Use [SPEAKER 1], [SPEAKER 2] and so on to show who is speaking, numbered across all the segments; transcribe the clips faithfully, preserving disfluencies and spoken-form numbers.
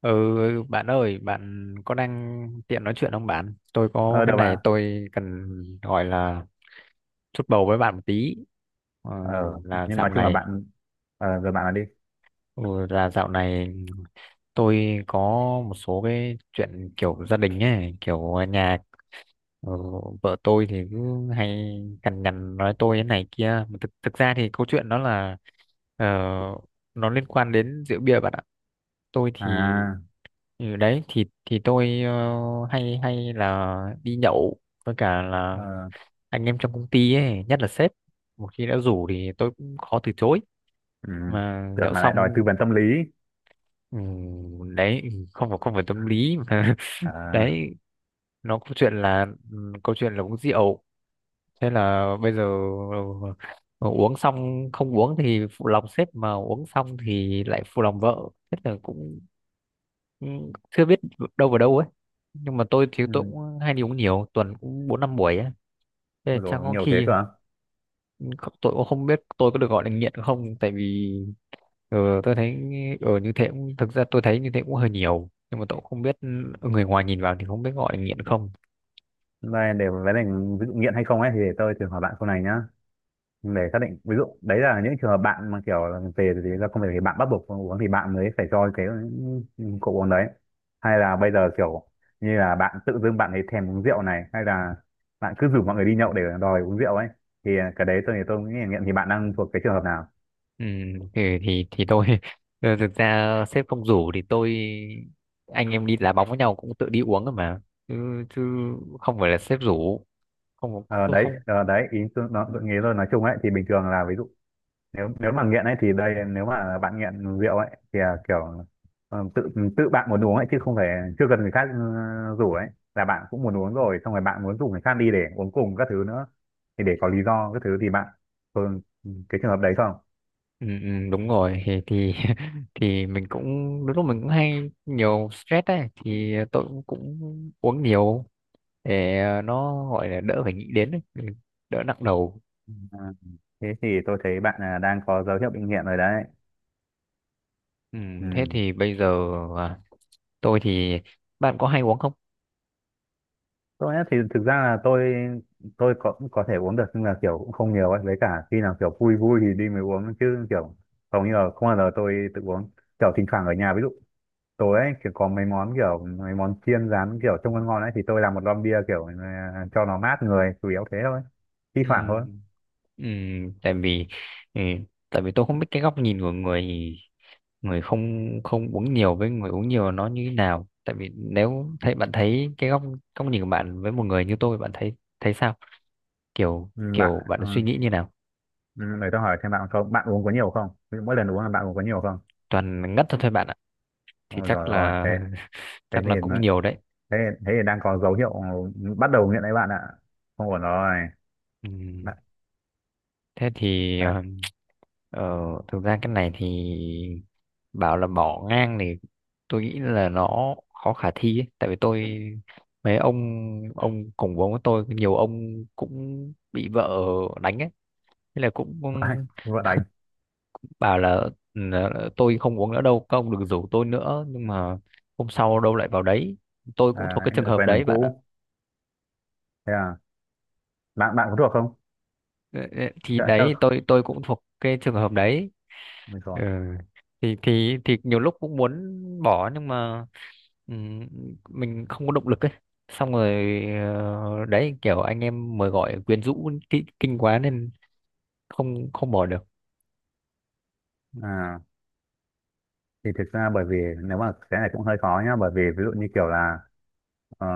[SPEAKER 1] Ừ, Bạn ơi, bạn có đang tiện nói chuyện không bạn? Tôi có
[SPEAKER 2] Ờ,
[SPEAKER 1] cái
[SPEAKER 2] được
[SPEAKER 1] này
[SPEAKER 2] bạn.
[SPEAKER 1] tôi cần gọi là chút bầu với bạn một tí. Ờ,
[SPEAKER 2] ờ
[SPEAKER 1] là
[SPEAKER 2] nhưng nói
[SPEAKER 1] dạo
[SPEAKER 2] chung là
[SPEAKER 1] này,
[SPEAKER 2] bạn, ờ, rồi bạn nói đi.
[SPEAKER 1] ừ, là dạo này tôi có một số cái chuyện kiểu gia đình ấy, kiểu nhà, ờ, vợ tôi thì cứ hay cằn nhằn nói tôi thế này kia. Mà Thực, thực ra thì câu chuyện đó là, ờ, nó liên quan đến rượu bia bạn ạ. Tôi thì...
[SPEAKER 2] À,
[SPEAKER 1] Ừ, đấy, thì thì tôi, ờ, hay hay là đi nhậu với cả là
[SPEAKER 2] ờ,
[SPEAKER 1] anh em trong công ty ấy, nhất là sếp, một khi đã rủ thì tôi cũng khó từ chối,
[SPEAKER 2] ừ.
[SPEAKER 1] mà
[SPEAKER 2] Tưởng
[SPEAKER 1] nhậu
[SPEAKER 2] mà lại đòi tư
[SPEAKER 1] xong...
[SPEAKER 2] vấn tâm lý.
[SPEAKER 1] Ừ, đấy, không phải không phải tâm lý mà...
[SPEAKER 2] À,
[SPEAKER 1] Đấy, nó câu chuyện là ừ, câu chuyện là uống rượu. Thế là bây giờ, ờ, uống xong, không uống thì phụ lòng sếp, mà uống xong thì lại phụ lòng vợ. Thế là cũng cũng chưa biết đâu vào đâu ấy. Nhưng mà tôi thì
[SPEAKER 2] ừ.
[SPEAKER 1] tôi cũng hay đi uống, nhiều tuần cũng bốn năm buổi ấy. Thế là
[SPEAKER 2] Ôi
[SPEAKER 1] chắc
[SPEAKER 2] dồi,
[SPEAKER 1] có
[SPEAKER 2] nhiều thế
[SPEAKER 1] khi
[SPEAKER 2] cơ à?
[SPEAKER 1] tôi cũng không biết tôi có được gọi là nghiện không, tại vì, ờ, tôi thấy ở như thế cũng thực ra tôi thấy như thế cũng hơi nhiều, nhưng mà tôi cũng không biết, người ngoài nhìn vào thì không biết gọi là nghiện không.
[SPEAKER 2] Đây để vấn đề, ví dụ nghiện hay không ấy thì để tôi thử hỏi bạn câu này nhá, để xác định. Ví dụ đấy là những trường hợp bạn mà kiểu là về thì ra công việc thì bạn bắt buộc phải uống thì bạn mới phải cho cái cậu uống đấy, hay là bây giờ kiểu như là bạn tự dưng bạn ấy thèm uống rượu này, hay là bạn cứ rủ mọi người đi nhậu để đòi uống rượu ấy, thì cái đấy tôi thì tôi nghĩ là nghiện. Thì bạn đang thuộc cái trường hợp nào?
[SPEAKER 1] Ừ, thì thì thì tôi, ờ, thực ra sếp không rủ thì tôi, anh em đi đá bóng với nhau cũng tự đi uống rồi mà, chứ, chứ không phải là sếp rủ. Không,
[SPEAKER 2] Ờ,
[SPEAKER 1] không,
[SPEAKER 2] đấy,
[SPEAKER 1] không.
[SPEAKER 2] ờ, đấy, ý tôi nó tôi nghĩ tôi nói chung ấy thì bình thường là ví dụ nếu nếu mà nghiện ấy thì đây, nếu mà bạn nghiện rượu ấy thì, à, kiểu ờ, tự tự bạn muốn uống ấy, chứ không phải chưa cần người khác ờ, rủ ấy, là bạn cũng muốn uống rồi xong rồi bạn muốn rủ người khác đi để uống cùng các thứ nữa, thì để có lý do các thứ, thì bạn thường cái trường hợp đấy không?
[SPEAKER 1] Ừ, ừ, đúng rồi, thì thì thì mình cũng, đôi lúc mình cũng hay nhiều stress ấy, thì tôi cũng, cũng uống nhiều để, ờ, nó gọi là đỡ phải nghĩ đến ấy, ừ, đỡ nặng đầu.
[SPEAKER 2] À, thế thì tôi thấy bạn à, đang có dấu hiệu bị nghiện rồi đấy.
[SPEAKER 1] Ừ, thế
[SPEAKER 2] Ừ.
[SPEAKER 1] thì bây giờ, à, tôi thì... bạn có hay uống không?
[SPEAKER 2] Tôi á thì thực ra là tôi tôi có cũng có thể uống được, nhưng là kiểu cũng không nhiều ấy, với cả khi nào kiểu vui vui thì đi mới uống, chứ kiểu hầu như là không bao giờ tôi tự uống. Kiểu thỉnh thoảng ở nhà, ví dụ tối ấy kiểu có mấy món, kiểu mấy món chiên rán kiểu trông ngon ngon ấy, thì tôi làm một lon bia kiểu à, cho nó mát người, chủ yếu thế thôi, thi
[SPEAKER 1] ừ.
[SPEAKER 2] thoảng thôi.
[SPEAKER 1] Ừ, tại vì ừ, Tại vì tôi không biết cái góc nhìn của người người không không uống nhiều với người uống nhiều nó như thế nào, tại vì nếu thấy bạn thấy cái góc góc nhìn của bạn với một người như tôi, bạn thấy thấy sao, kiểu
[SPEAKER 2] Ừ, bạn
[SPEAKER 1] kiểu bạn
[SPEAKER 2] ờ,
[SPEAKER 1] suy nghĩ như nào?
[SPEAKER 2] ừ, để tôi hỏi thêm bạn, không bạn uống có nhiều không? Ví dụ mỗi lần uống là bạn uống có nhiều không?
[SPEAKER 1] Toàn ngất thôi thôi bạn ạ, thì
[SPEAKER 2] Ôi
[SPEAKER 1] chắc
[SPEAKER 2] rồi rồi,
[SPEAKER 1] là
[SPEAKER 2] thế, thế
[SPEAKER 1] chắc là
[SPEAKER 2] nên
[SPEAKER 1] cũng
[SPEAKER 2] đấy,
[SPEAKER 1] nhiều đấy.
[SPEAKER 2] thế thế thì đang có dấu hiệu bắt đầu nghiện đấy bạn ạ. Không ổn rồi
[SPEAKER 1] ừ,
[SPEAKER 2] bạn.
[SPEAKER 1] Thế thì,
[SPEAKER 2] Đấy,
[SPEAKER 1] ờ, Ờ, thực ra cái này thì, bảo là bỏ ngang thì tôi nghĩ là nó khó khả thi ấy. Tại vì tôi, mấy ông, ông cùng vốn với tôi nhiều ông cũng bị vợ đánh ấy, thế là cũng
[SPEAKER 2] vợ đánh.
[SPEAKER 1] bảo là: "Ừ, tôi không uống nữa đâu, các ông đừng rủ tôi nữa." Nhưng mà hôm sau đâu lại vào đấy, tôi cũng thuộc
[SPEAKER 2] À,
[SPEAKER 1] cái
[SPEAKER 2] anh
[SPEAKER 1] trường
[SPEAKER 2] lại
[SPEAKER 1] hợp
[SPEAKER 2] quen đường
[SPEAKER 1] đấy bạn ạ.
[SPEAKER 2] cũ. Thế à? Bạn bạn có thuộc không?
[SPEAKER 1] Ờ, ờ, thì
[SPEAKER 2] Chắc chắc
[SPEAKER 1] đấy, tôi tôi cũng thuộc cái trường hợp đấy. Ừ.
[SPEAKER 2] rồi.
[SPEAKER 1] thì thì thì nhiều lúc cũng muốn bỏ nhưng mà, ừm, mình không có động lực ấy, xong rồi, ờ, đấy, kiểu anh em mời gọi quyến rũ kinh, kinh quá nên không không bỏ được.
[SPEAKER 2] À, thì thực ra bởi vì nếu mà cái này cũng hơi khó nhá, bởi vì ví dụ như kiểu là, ờ,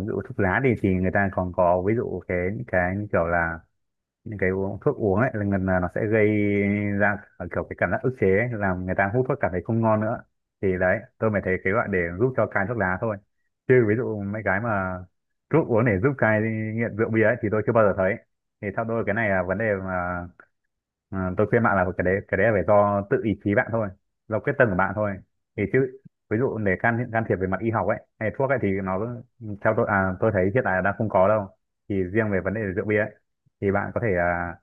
[SPEAKER 2] ví dụ thuốc lá thì thì người ta còn có ví dụ cái những cái như kiểu là những cái uống thuốc uống ấy là gần là nó sẽ gây ra à, kiểu cái cảm giác ức chế ấy, làm người ta hút thuốc cảm thấy không ngon nữa. Thì đấy tôi mới thấy cái gọi để giúp cho cai thuốc lá thôi, chứ ví dụ mấy cái mà thuốc uống để giúp cai nghiện rượu bia ấy thì tôi chưa bao giờ thấy. Thì theo tôi cái này là vấn đề mà, ờ, tôi khuyên bạn là cái đấy, cái đấy là phải do tự ý chí bạn thôi, do quyết tâm của bạn thôi. Thì chứ ví dụ để can can thiệp về mặt y học ấy hay thuốc ấy thì nó theo tôi à, tôi thấy hiện tại là đang không có đâu. Thì riêng về vấn đề rượu bia ấy, thì bạn có thể à,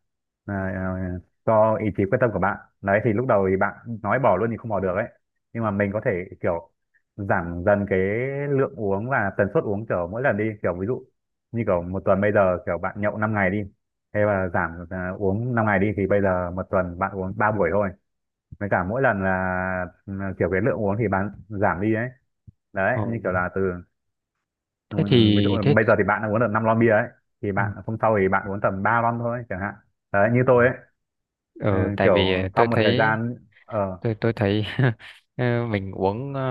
[SPEAKER 2] à, à, cho ý chí quyết tâm của bạn đấy thì lúc đầu thì bạn nói bỏ luôn thì không bỏ được ấy, nhưng mà mình có thể kiểu giảm dần cái lượng uống và tần suất uống, kiểu mỗi lần đi, kiểu ví dụ như kiểu một tuần bây giờ kiểu bạn nhậu năm ngày đi, hay là giảm à, uống năm ngày đi thì bây giờ một tuần bạn uống ba buổi thôi, với cả mỗi lần là ừ, kiểu cái lượng uống thì bạn giảm đi ấy, đấy
[SPEAKER 1] Ờ,
[SPEAKER 2] như kiểu là từ. Ừ,
[SPEAKER 1] Thế
[SPEAKER 2] ví dụ
[SPEAKER 1] thì
[SPEAKER 2] là
[SPEAKER 1] thế,
[SPEAKER 2] bây giờ thì bạn đã uống được năm lon bia ấy, thì
[SPEAKER 1] ờ,
[SPEAKER 2] bạn hôm sau thì bạn uống tầm ba lon thôi chẳng hạn, đấy như
[SPEAKER 1] ờ,
[SPEAKER 2] tôi ấy, ừ,
[SPEAKER 1] ờ, tại vì
[SPEAKER 2] kiểu sau
[SPEAKER 1] tôi
[SPEAKER 2] một thời
[SPEAKER 1] thấy,
[SPEAKER 2] gian. Ờ,
[SPEAKER 1] tôi tôi thấy ờ, mình uống, ờ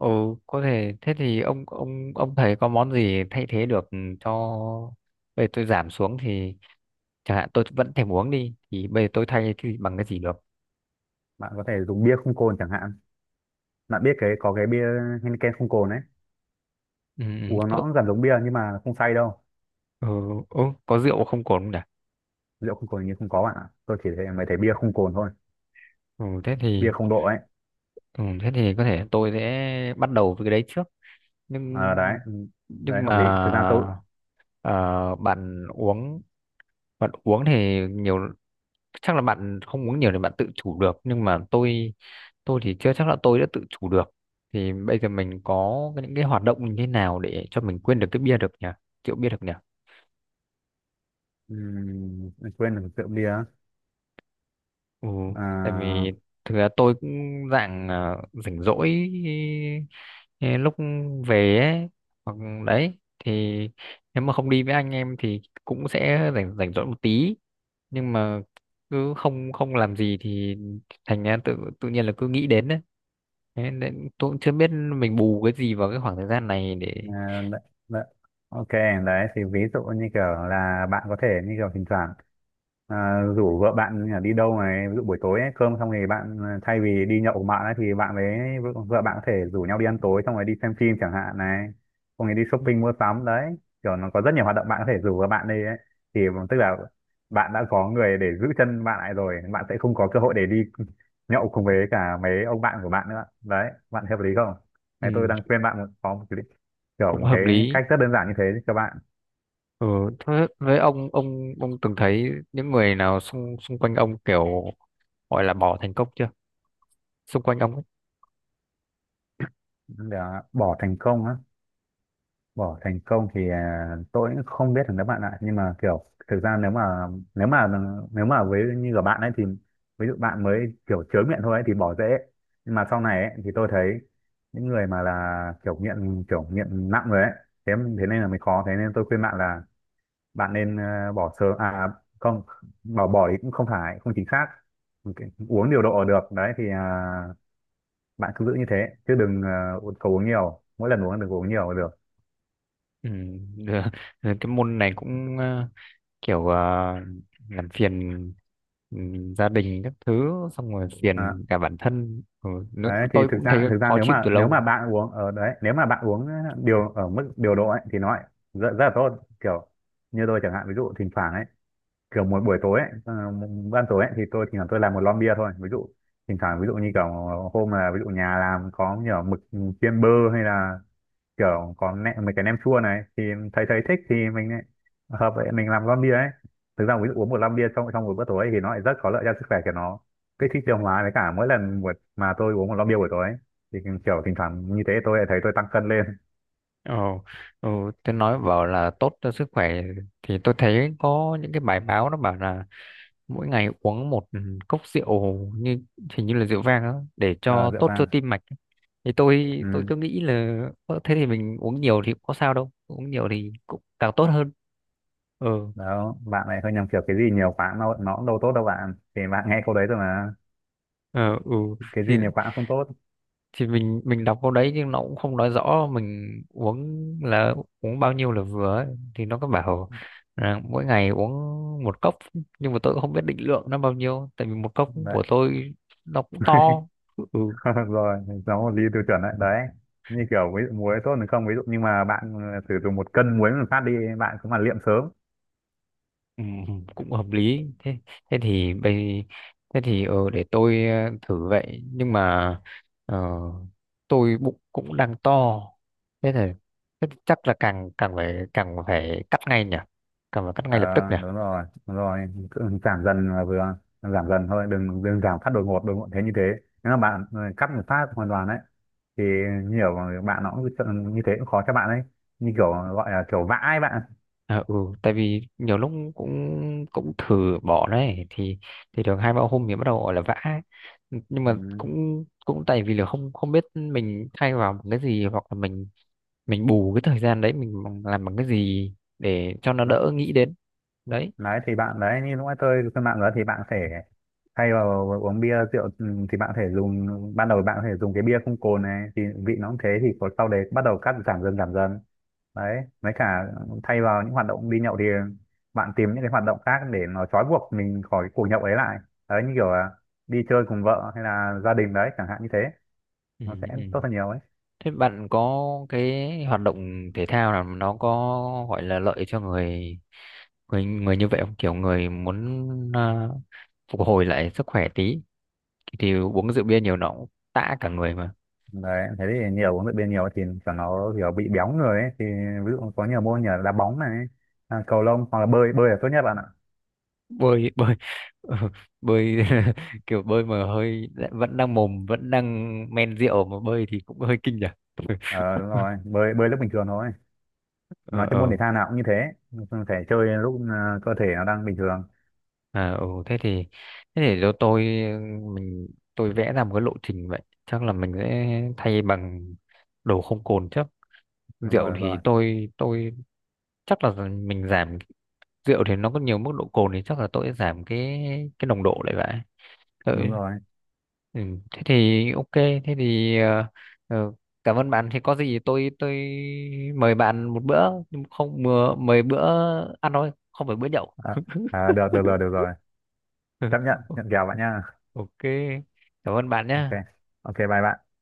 [SPEAKER 1] ừ, có thể. Thế thì ông ông ông thấy có món gì thay thế được cho, để tôi giảm xuống thì, chẳng hạn tôi vẫn thèm uống đi thì bây giờ tôi thay cái gì bằng cái gì được?
[SPEAKER 2] bạn có thể dùng bia không cồn chẳng hạn, bạn biết cái có cái bia Heineken không cồn ấy,
[SPEAKER 1] Ừ,
[SPEAKER 2] uống nó
[SPEAKER 1] ừ,
[SPEAKER 2] cũng gần giống bia nhưng mà không say đâu.
[SPEAKER 1] ừ, ừ, có rượu không cồn không nhỉ?
[SPEAKER 2] Rượu không cồn như không có bạn ạ, tôi chỉ thấy mới thấy bia không cồn thôi,
[SPEAKER 1] Ừ, thế
[SPEAKER 2] bia
[SPEAKER 1] thì
[SPEAKER 2] không độ ấy.
[SPEAKER 1] ừ, thế thì có thể tôi sẽ bắt đầu với cái đấy trước, nhưng
[SPEAKER 2] Ờ, đấy, ừ, đấy
[SPEAKER 1] nhưng
[SPEAKER 2] hợp
[SPEAKER 1] mà,
[SPEAKER 2] lý thực ra tôi.
[SPEAKER 1] ờ, bạn uống bạn uống thì nhiều, chắc là bạn không uống nhiều thì bạn tự chủ được, nhưng mà tôi tôi thì chưa chắc là tôi đã tự chủ được. Thì bây giờ mình có cái- những cái hoạt động như thế nào để cho mình quên được cái bia được nhỉ rượu bia được nhỉ?
[SPEAKER 2] Ừm, quên được rượu bia.
[SPEAKER 1] Ừ, tại
[SPEAKER 2] À,
[SPEAKER 1] vì thực ra tôi cũng dạng, à, rảnh rỗi, ờ, lúc về ấy, hoặc đấy thì nếu mà không đi với anh em thì cũng sẽ rảnh rảnh rỗi một tí, nhưng mà cứ không không làm gì thì thành ra tự tự nhiên là cứ nghĩ đến đấy. Thế nên tôi cũng chưa biết mình bù cái gì vào cái khoảng thời gian này để...
[SPEAKER 2] à, đấy, đấy. Ok, đấy thì ví dụ như kiểu là bạn có thể như kiểu thỉnh thoảng à, rủ vợ bạn đi đâu này, ví dụ buổi tối ấy, cơm xong thì bạn à, thay vì đi nhậu cùng bạn ấy, thì bạn với vợ vợ bạn có thể rủ nhau đi ăn tối xong rồi đi xem phim chẳng hạn này, xong rồi đi
[SPEAKER 1] Ừ,
[SPEAKER 2] shopping mua sắm đấy, kiểu nó có rất nhiều hoạt động bạn có thể rủ vợ bạn đi ấy, thì tức là bạn đã có người để giữ chân bạn lại rồi, bạn sẽ không có cơ hội để đi nhậu cùng với cả mấy ông bạn của bạn nữa, đấy, bạn thấy hợp lý không? Đấy, tôi đang
[SPEAKER 1] ừ,
[SPEAKER 2] khuyên bạn một có một kiểu
[SPEAKER 1] cũng
[SPEAKER 2] một
[SPEAKER 1] hợp
[SPEAKER 2] cái
[SPEAKER 1] lý.
[SPEAKER 2] cách rất đơn giản như thế các bạn.
[SPEAKER 1] Ừ, thế với ông ông ông từng thấy những người nào xung xung quanh ông kiểu gọi là bỏ thành công chưa, xung quanh ông ấy?
[SPEAKER 2] Để bỏ thành công á? Bỏ thành công thì à, tôi cũng không biết được các bạn ạ, nhưng mà kiểu thực ra nếu mà nếu mà nếu mà với như của bạn ấy thì, ví dụ bạn mới kiểu chớ nghiện thôi ấy, thì bỏ dễ, nhưng mà sau này ấy, thì tôi thấy những người mà là kiểu nghiện, kiểu nghiện nặng rồi ấy. Thế Thế nên là mới khó, thế nên tôi khuyên bạn là bạn nên ờ, bỏ sớm. À không, bỏ bỏ thì cũng không phải không chính xác. Ok, uống điều độ được đấy thì à, bạn cứ giữ như thế, chứ đừng ờ, uống- uống nhiều, mỗi lần uống đừng có uống nhiều là được.
[SPEAKER 1] Ừ, được. Rồi cái môn này cũng, ờ, kiểu, ờ, làm phiền, ừ, gia đình các thứ, xong rồi
[SPEAKER 2] Đó,
[SPEAKER 1] phiền cả bản thân, ừ, nó-
[SPEAKER 2] đấy thì
[SPEAKER 1] tôi
[SPEAKER 2] thực
[SPEAKER 1] cũng thấy
[SPEAKER 2] ra, thực ra
[SPEAKER 1] khó
[SPEAKER 2] nếu
[SPEAKER 1] chịu
[SPEAKER 2] mà
[SPEAKER 1] từ
[SPEAKER 2] nếu mà
[SPEAKER 1] lâu.
[SPEAKER 2] bạn uống ở đấy, nếu mà bạn uống điều ở mức điều độ ấy, thì nó lại rất, rất là tốt, kiểu như tôi chẳng hạn, ví dụ thỉnh thoảng ấy kiểu một buổi tối ấy, ờ, một ban tối ấy thì tôi thỉnh thoảng tôi làm một lon bia thôi ví dụ. Thỉnh thoảng ví dụ như kiểu hôm là ví dụ nhà làm có nhiều mực chiên bơ, hay là kiểu có nem, mấy cái nem chua này thì thấy thấy thích thì mình lại hợp vậy mình làm lon bia ấy. Thực ra ví dụ uống một lon bia trong trong một bữa tối thì nó lại rất có lợi cho sức khỏe của nó, kích thích tiêu hóa, với cả mỗi lần một mà tôi uống một lon bia buổi tối ấy, thì kiểu thỉnh thoảng như thế tôi lại thấy tôi tăng cân lên.
[SPEAKER 1] ờ, ừ, tôi nói bảo là tốt cho sức khỏe, thì tôi thấy có những cái bài báo nó bảo là mỗi ngày uống một, ừ, cốc rượu, như hình như là rượu vang á, để
[SPEAKER 2] Ờ,
[SPEAKER 1] cho
[SPEAKER 2] rượu
[SPEAKER 1] tốt cho
[SPEAKER 2] vang.
[SPEAKER 1] tim mạch, thì tôi tôi
[SPEAKER 2] Ừ.
[SPEAKER 1] cứ nghĩ là: "Ơ, thế thì mình uống nhiều thì cũng có sao đâu, uống nhiều thì cũng càng tốt hơn." ừ
[SPEAKER 2] Đó bạn lại hơi nhầm, kiểu cái gì nhiều quá nó nó cũng đâu tốt đâu bạn, thì bạn nghe câu đấy rồi mà,
[SPEAKER 1] ờ, ừ,
[SPEAKER 2] cái
[SPEAKER 1] thì
[SPEAKER 2] gì nhiều quá cũng không tốt.
[SPEAKER 1] thì mình mình đọc câu đấy nhưng nó cũng không nói rõ mình uống là uống bao nhiêu là vừa ấy. Thì nó có bảo là mỗi ngày uống một cốc, nhưng mà tôi cũng không biết định lượng nó bao nhiêu, tại vì một cốc
[SPEAKER 2] Đấy.
[SPEAKER 1] của tôi nó cũng to. ừ
[SPEAKER 2] Rồi, nó một ly tiêu chuẩn đấy đấy, như kiểu ví dụ muối tốt thì không ví dụ, nhưng mà bạn ờ, sử dụng một cân muối một phát đi bạn cũng mà liệm sớm.
[SPEAKER 1] Ừ, cũng hợp lý. Thế thế thì bây thế thì ờ, để tôi, ờ, thử vậy, nhưng mà, ờ, tôi bụng cũng đang to. Thế thì thế thì chắc là càng càng phải càng phải cắt ngay nhỉ càng phải cắt
[SPEAKER 2] Ờ,
[SPEAKER 1] ngay lập tức nhỉ?
[SPEAKER 2] đúng rồi đúng rồi, cứ giảm dần là vừa, giảm dần thôi, đừng đừng giảm phát đột ngột đột ngột thế, như thế nếu mà bạn ờ, cắt một phát hoàn toàn đấy, thì nhiều bạn nó cũng như thế cũng khó cho bạn ấy, như kiểu gọi là kiểu vãi bạn.
[SPEAKER 1] À, ừ, tại vì nhiều lúc cũng cũng thử bỏ đấy thì thì được hai ba hôm thì bắt đầu gọi là vã ấy. Nhưng mà cũng cũng tại vì là không không biết mình thay vào một cái gì, hoặc là mình mình bù cái thời gian đấy mình bằng- làm bằng cái gì để cho nó
[SPEAKER 2] Ừ.
[SPEAKER 1] đỡ nghĩ đến đấy.
[SPEAKER 2] Đấy thì bạn đấy như lúc nãy tôi trên mạng đó thì bạn sẽ thay vào uống bia rượu ừ, thì bạn có thể dùng, ban đầu bạn có thể dùng cái bia không cồn này thì vị nó cũng thế thì có, sau đấy bắt đầu cắt giảm dần giảm dần. Đấy với cả thay vào những hoạt động đi nhậu thì bạn tìm những cái hoạt động khác để nó trói buộc mình khỏi cái cuộc nhậu ấy lại, đấy như kiểu là đi chơi cùng vợ hay là gia đình đấy chẳng hạn, như thế
[SPEAKER 1] Ừ,
[SPEAKER 2] nó sẽ
[SPEAKER 1] ừ.
[SPEAKER 2] tốt hơn nhiều ấy.
[SPEAKER 1] Thế bạn có cái hoạt động thể thao nào mà nó có gọi là lợi cho người người người như vậy không, kiểu người muốn, à, phục hồi lại sức khỏe tí, thì uống rượu bia nhiều nó cũng tã cả người mà?
[SPEAKER 2] Đấy thế thì nhiều huấn luyện viên nhiều thì cho nó kiểu bị béo người ấy thì, ví dụ có nhiều môn như là đá bóng này, à, cầu lông, hoặc là bơi bơi là tốt nhất bạn ạ.
[SPEAKER 1] Bơi bơi, bơi, kiểu bơi mà hơi vẫn đang, mồm vẫn đang men rượu mà bơi thì cũng hơi kinh nhỉ?
[SPEAKER 2] Ờ, đúng rồi, bơi bơi lúc bình thường thôi,
[SPEAKER 1] ờ
[SPEAKER 2] nói chung môn thể
[SPEAKER 1] ờ
[SPEAKER 2] thao nào cũng như thế, phải chơi lúc à, cơ thể nó đang bình thường.
[SPEAKER 1] À, ừ, thế thì thế để cho tôi, mình tôi vẽ ra một cái lộ trình vậy. Chắc là mình sẽ thay bằng đồ không cồn trước.
[SPEAKER 2] Đúng rồi,
[SPEAKER 1] Rượu
[SPEAKER 2] đúng
[SPEAKER 1] thì
[SPEAKER 2] rồi,
[SPEAKER 1] tôi tôi, chắc là mình giảm. Rượu thì nó có nhiều mức độ cồn thì chắc là tôi sẽ giảm cái cái nồng độ lại vậy.
[SPEAKER 2] đúng
[SPEAKER 1] Tôi,
[SPEAKER 2] rồi.
[SPEAKER 1] ừ, thế thì ok thế thì ờ, ờ, cảm ơn bạn. Thì có gì tôi tôi mời bạn một bữa, nhưng không, mời, mời bữa ăn thôi, không phải bữa nhậu.
[SPEAKER 2] À, à, được được rồi, được rồi, chấp nhận
[SPEAKER 1] Ừ,
[SPEAKER 2] nhận kèo bạn nha.
[SPEAKER 1] ok, cảm ơn bạn
[SPEAKER 2] Ok,
[SPEAKER 1] nhé.
[SPEAKER 2] ok, bye bạn.